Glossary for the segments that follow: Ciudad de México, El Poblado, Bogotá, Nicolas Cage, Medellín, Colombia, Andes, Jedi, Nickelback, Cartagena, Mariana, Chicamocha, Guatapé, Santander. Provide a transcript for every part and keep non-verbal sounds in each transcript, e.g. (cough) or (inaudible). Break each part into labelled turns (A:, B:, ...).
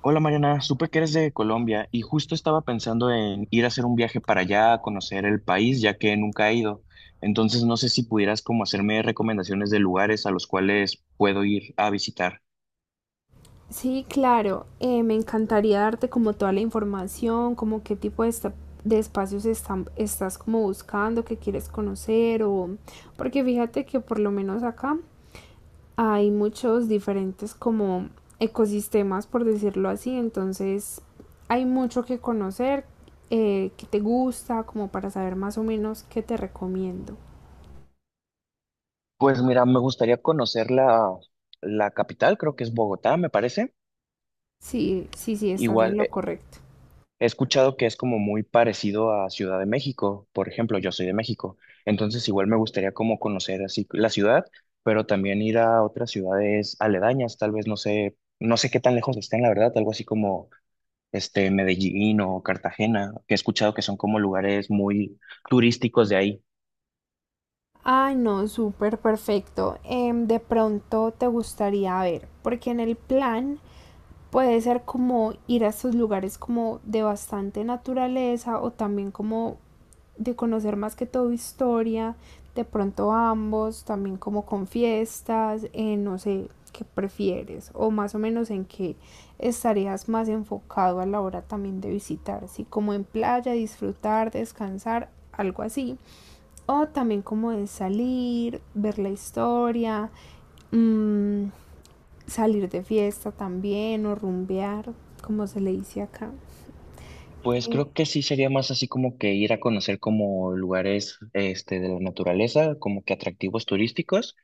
A: Hola Mariana, supe que eres de Colombia y justo estaba pensando en ir a hacer un viaje para allá a conocer el país, ya que nunca he ido. Entonces no sé si pudieras como hacerme recomendaciones de lugares a los cuales puedo ir a visitar.
B: Sí, claro, me encantaría darte como toda la información, como qué tipo de, de espacios están, estás como buscando, que quieres conocer o... Porque fíjate que por lo menos acá hay muchos diferentes como ecosistemas, por decirlo así, entonces hay mucho que conocer, que te gusta, como para saber más o menos qué te recomiendo.
A: Pues mira, me gustaría conocer la capital, creo que es Bogotá, me parece.
B: Sí, sí, sí, estás en
A: Igual,
B: lo correcto.
A: he escuchado que es como muy parecido a Ciudad de México, por ejemplo, yo soy de México, entonces igual me gustaría como conocer así la ciudad, pero también ir a otras ciudades aledañas, tal vez no sé, no sé qué tan lejos estén, la verdad, algo así como este Medellín o Cartagena, que he escuchado que son como lugares muy turísticos de ahí.
B: Ay, no, súper perfecto. De pronto te gustaría ver, porque en el plan puede ser como ir a estos lugares como de bastante naturaleza o también como de conocer más que todo historia, de pronto ambos, también como con fiestas, no sé qué prefieres o más o menos en qué estarías más enfocado a la hora también de visitar, si como en playa, disfrutar, descansar, algo así. O también como de salir, ver la historia, mmm, salir de fiesta también o rumbear, como se le dice acá.
A: Pues creo que sí sería más así como que ir a conocer como lugares este de la naturaleza, como que atractivos turísticos,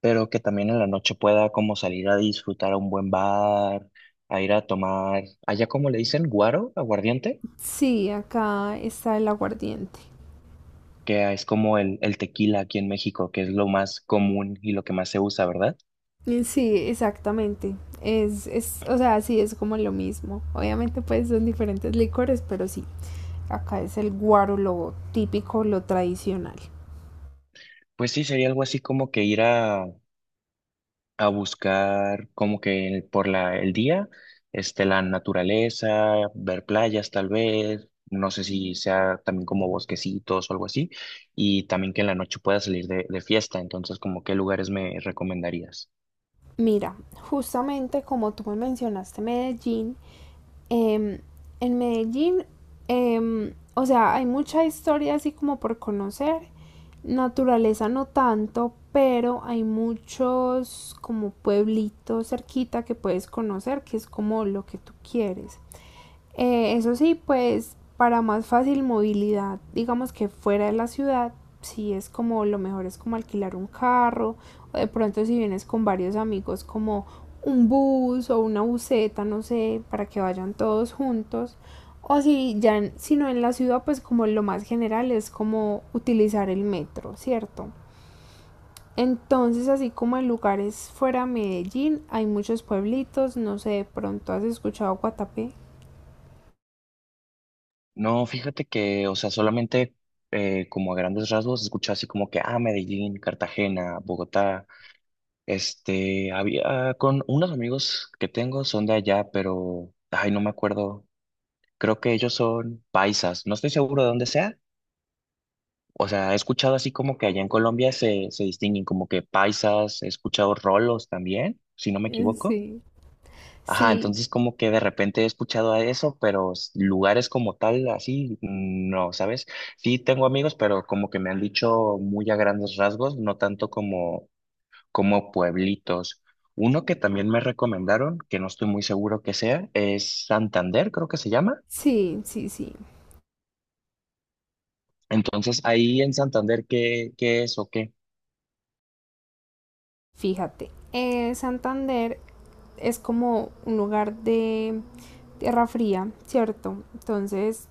A: pero que también en la noche pueda como salir a disfrutar a un buen bar, a ir a tomar, allá como le dicen, guaro, aguardiente,
B: Sí, acá está el aguardiente.
A: que es como el tequila aquí en México, que es lo más común y lo que más se usa, ¿verdad?
B: Sí, exactamente. Es, o sea, sí, es como lo mismo. Obviamente, pues son diferentes licores, pero sí, acá es el guaro, lo típico, lo tradicional.
A: Pues sí, sería algo así como que ir a buscar como que por el día, este, la naturaleza, ver playas tal vez. No sé si sea también como bosquecitos o algo así, y también que en la noche pueda salir de fiesta, entonces como qué lugares me recomendarías.
B: Mira, justamente como tú me mencionaste Medellín, em, en Medellín, o sea, hay mucha historia así como por conocer, naturaleza no tanto, pero hay muchos como pueblitos cerquita que puedes conocer, que es como lo que tú quieres. Eso sí, pues para más fácil movilidad, digamos que fuera de la ciudad, si es como lo mejor es como alquilar un carro, o de pronto si vienes con varios amigos como un bus o una buseta, no sé, para que vayan todos juntos. O si ya, si no en la ciudad, pues como lo más general es como utilizar el metro, ¿cierto? Entonces, así como en lugares fuera de Medellín, hay muchos pueblitos, no sé, de pronto has escuchado Guatapé.
A: No, fíjate que, o sea, solamente como a grandes rasgos escuché así como que, ah, Medellín, Cartagena, Bogotá, este, había con unos amigos que tengo son de allá, pero, ay, no me acuerdo, creo que ellos son paisas, no estoy seguro de dónde sea, o sea, he escuchado así como que allá en Colombia se distinguen como que paisas, he escuchado rolos también, si no me
B: (laughs)
A: equivoco.
B: Sí.
A: Ajá,
B: Sí,
A: entonces como que de repente he escuchado a eso, pero lugares como tal, así, no, ¿sabes? Sí tengo amigos, pero como que me han dicho muy a grandes rasgos, no tanto como, como pueblitos. Uno que también me recomendaron, que no estoy muy seguro que sea, es Santander, creo que se llama.
B: sí, sí, sí.
A: Entonces, ahí en Santander, qué es o qué?
B: Fíjate, Santander es como un lugar de tierra fría, ¿cierto? Entonces,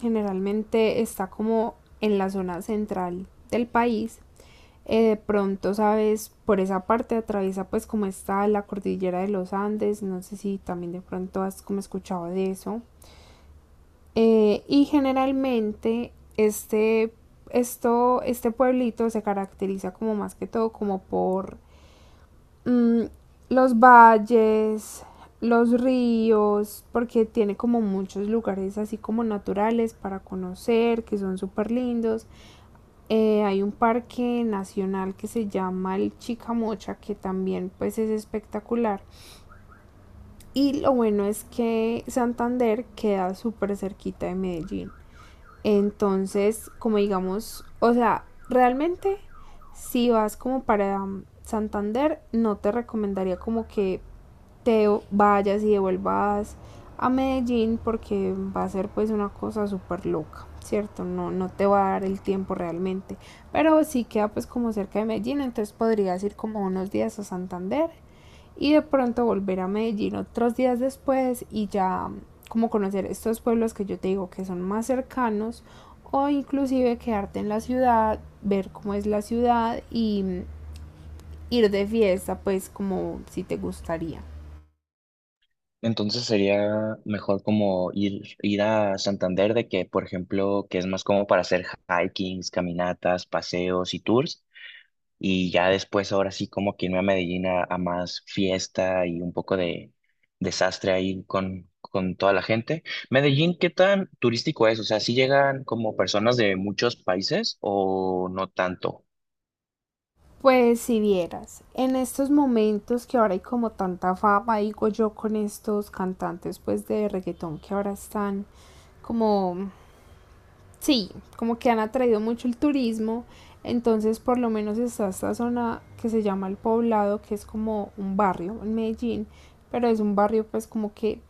B: generalmente está como en la zona central del país. De pronto, sabes, por esa parte atraviesa pues como está la cordillera de los Andes. No sé si también de pronto has como escuchado de eso. Y generalmente este, este pueblito se caracteriza como más que todo como por mm, los valles, los ríos, porque tiene como muchos lugares así como naturales para conocer, que son súper lindos. Hay un parque nacional que se llama el Chicamocha, que también pues es espectacular. Y lo bueno es que Santander queda súper cerquita de Medellín. Entonces, como digamos, o sea, realmente si vas como para Santander, no te recomendaría como que te vayas y devuelvas a Medellín porque va a ser pues una cosa súper loca, ¿cierto? No, no te va a dar el tiempo realmente, pero sí queda pues como cerca de Medellín, entonces podrías ir como unos días a Santander y de pronto volver a Medellín otros días después y ya como conocer estos pueblos que yo te digo que son más cercanos o inclusive quedarte en la ciudad, ver cómo es la ciudad y ir de fiesta pues como si te gustaría.
A: Entonces sería mejor como ir, ir a Santander de que, por ejemplo, que es más como para hacer hikings, caminatas, paseos y tours. Y ya después, ahora sí, como que irme a Medellín a más fiesta y un poco de desastre ahí con toda la gente. Medellín, ¿qué tan turístico es? O sea, ¿sí llegan como personas de muchos países o no tanto?
B: Pues si vieras, en estos momentos que ahora hay como tanta fama, digo yo, con estos cantantes pues de reggaetón que ahora están como, sí, como que han atraído mucho el turismo, entonces por lo menos está esta zona que se llama El Poblado, que es como un barrio en Medellín, pero es un barrio pues como que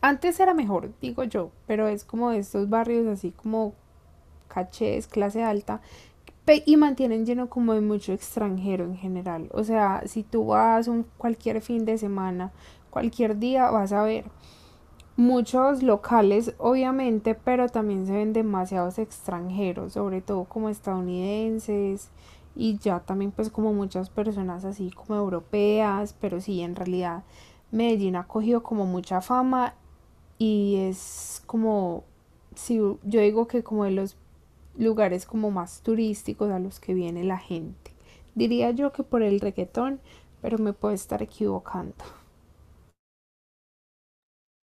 B: antes era mejor, digo yo, pero es como de estos barrios así como cachés, clase alta, y mantienen lleno como de mucho extranjero en general. O sea, si tú vas un cualquier fin de semana, cualquier día, vas a ver muchos locales, obviamente, pero también se ven demasiados extranjeros, sobre todo como estadounidenses y ya también pues como muchas personas así como europeas, pero sí, en realidad Medellín ha cogido como mucha fama y es como, si yo digo que como de los lugares como más turísticos a los que viene la gente. Diría yo que por el reggaetón, pero me puedo estar equivocando.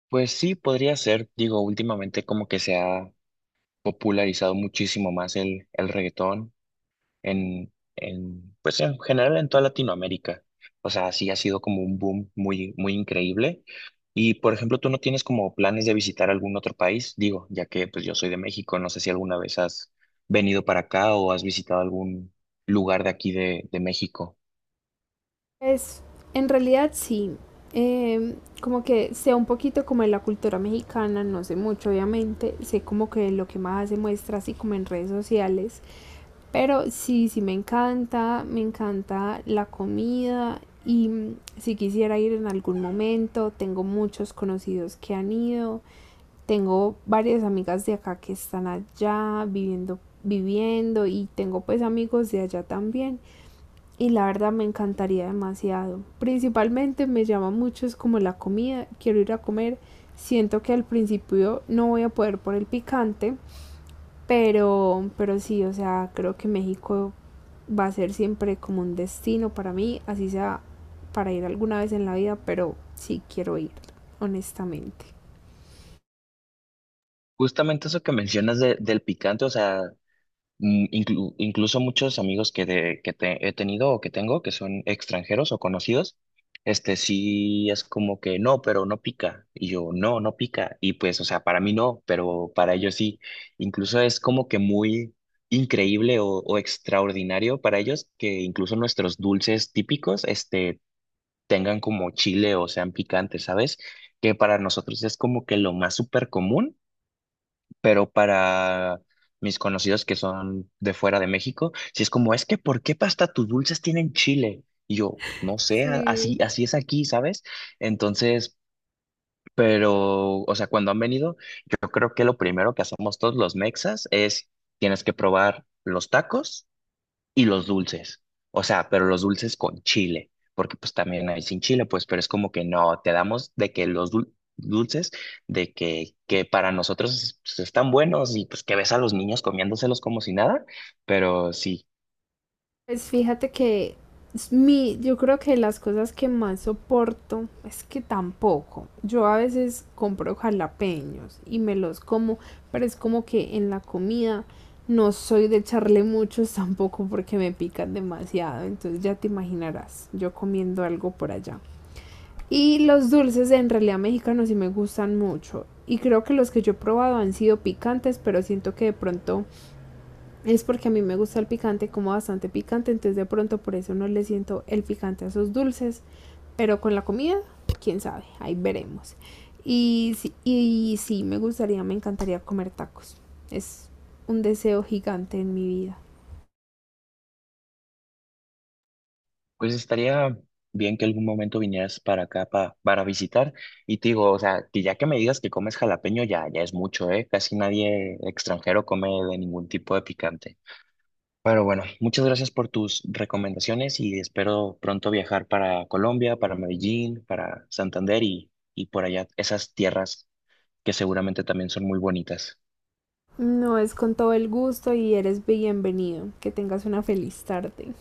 A: Pues sí, podría ser. Digo, últimamente como que se ha popularizado muchísimo más el reggaetón pues en general en toda Latinoamérica. O sea, sí ha sido como un boom muy, muy increíble. Y, por ejemplo, ¿tú no tienes como planes de visitar algún otro país? Digo, ya que pues yo soy de México, no sé si alguna vez has venido para acá o has visitado algún lugar de aquí de México.
B: Pues en realidad sí, eh, como que sea un poquito como en la cultura mexicana, no sé mucho obviamente, sé como que lo que más se muestra así como en redes sociales, pero sí, sí me encanta la comida y si quisiera ir en algún momento, tengo muchos conocidos que han ido Tengo varias amigas de acá que están allá viviendo, viviendo y tengo pues amigos de allá también. Y la verdad me encantaría demasiado. Principalmente me llama mucho es como la comida. Quiero ir a comer. Siento que al principio no voy a poder por el picante, pero sí, o sea, creo que México va a ser siempre como un destino para mí, así sea para ir alguna vez en la vida, pero sí quiero ir, honestamente.
A: Justamente eso que mencionas del picante, o sea, mm, incluso muchos amigos que, he tenido o que tengo, que son extranjeros o conocidos, este sí es como que no, pero no pica. Y yo, no, no pica. Y pues, o sea, para mí no, pero para ellos sí. Incluso es como que muy increíble o extraordinario para ellos que incluso nuestros dulces típicos, este, tengan como chile o sean picantes, ¿sabes? Que para nosotros es como que lo más súper común, pero para mis conocidos que son de fuera de México, si es como, es que ¿por qué hasta tus dulces tienen chile? Y yo, no sé,
B: Sí,
A: así, así es aquí, ¿sabes? Entonces, pero, o sea, cuando han venido, yo creo que lo primero que hacemos todos los mexas es, tienes que probar los tacos y los dulces. O sea, pero los dulces con chile, porque pues también hay sin chile, pues, pero es como que no, te damos de que los dulces, de que para nosotros pues, están buenos y pues que ves a los niños comiéndoselos como si nada, pero sí,
B: pues fíjate que es mi, yo creo que las cosas que más soporto es que tampoco. Yo a veces compro jalapeños y me los como, pero es como que en la comida no soy de echarle muchos (laughs) tampoco porque me pican demasiado. Entonces ya te imaginarás, yo comiendo algo por allá. Y los dulces en realidad mexicanos sí me gustan mucho. Y creo que los que yo he probado han sido picantes, pero siento que de pronto es porque a mí me gusta el picante, como bastante picante, entonces de pronto por eso no le siento el picante a esos dulces. Pero con la comida, quién sabe, ahí veremos. Y, y sí, me gustaría, me encantaría comer tacos. Es un deseo gigante en mi vida.
A: pues estaría bien que algún momento vinieras para acá para visitar y te digo, o sea, que ya que me digas que comes jalapeño ya, ya es mucho, ¿eh? Casi nadie extranjero come de ningún tipo de picante. Pero bueno, muchas gracias por tus recomendaciones y espero pronto viajar para Colombia, para Medellín, para Santander y por allá esas tierras que seguramente también son muy bonitas.
B: No es con todo el gusto y eres bienvenido. Que tengas una feliz tarde.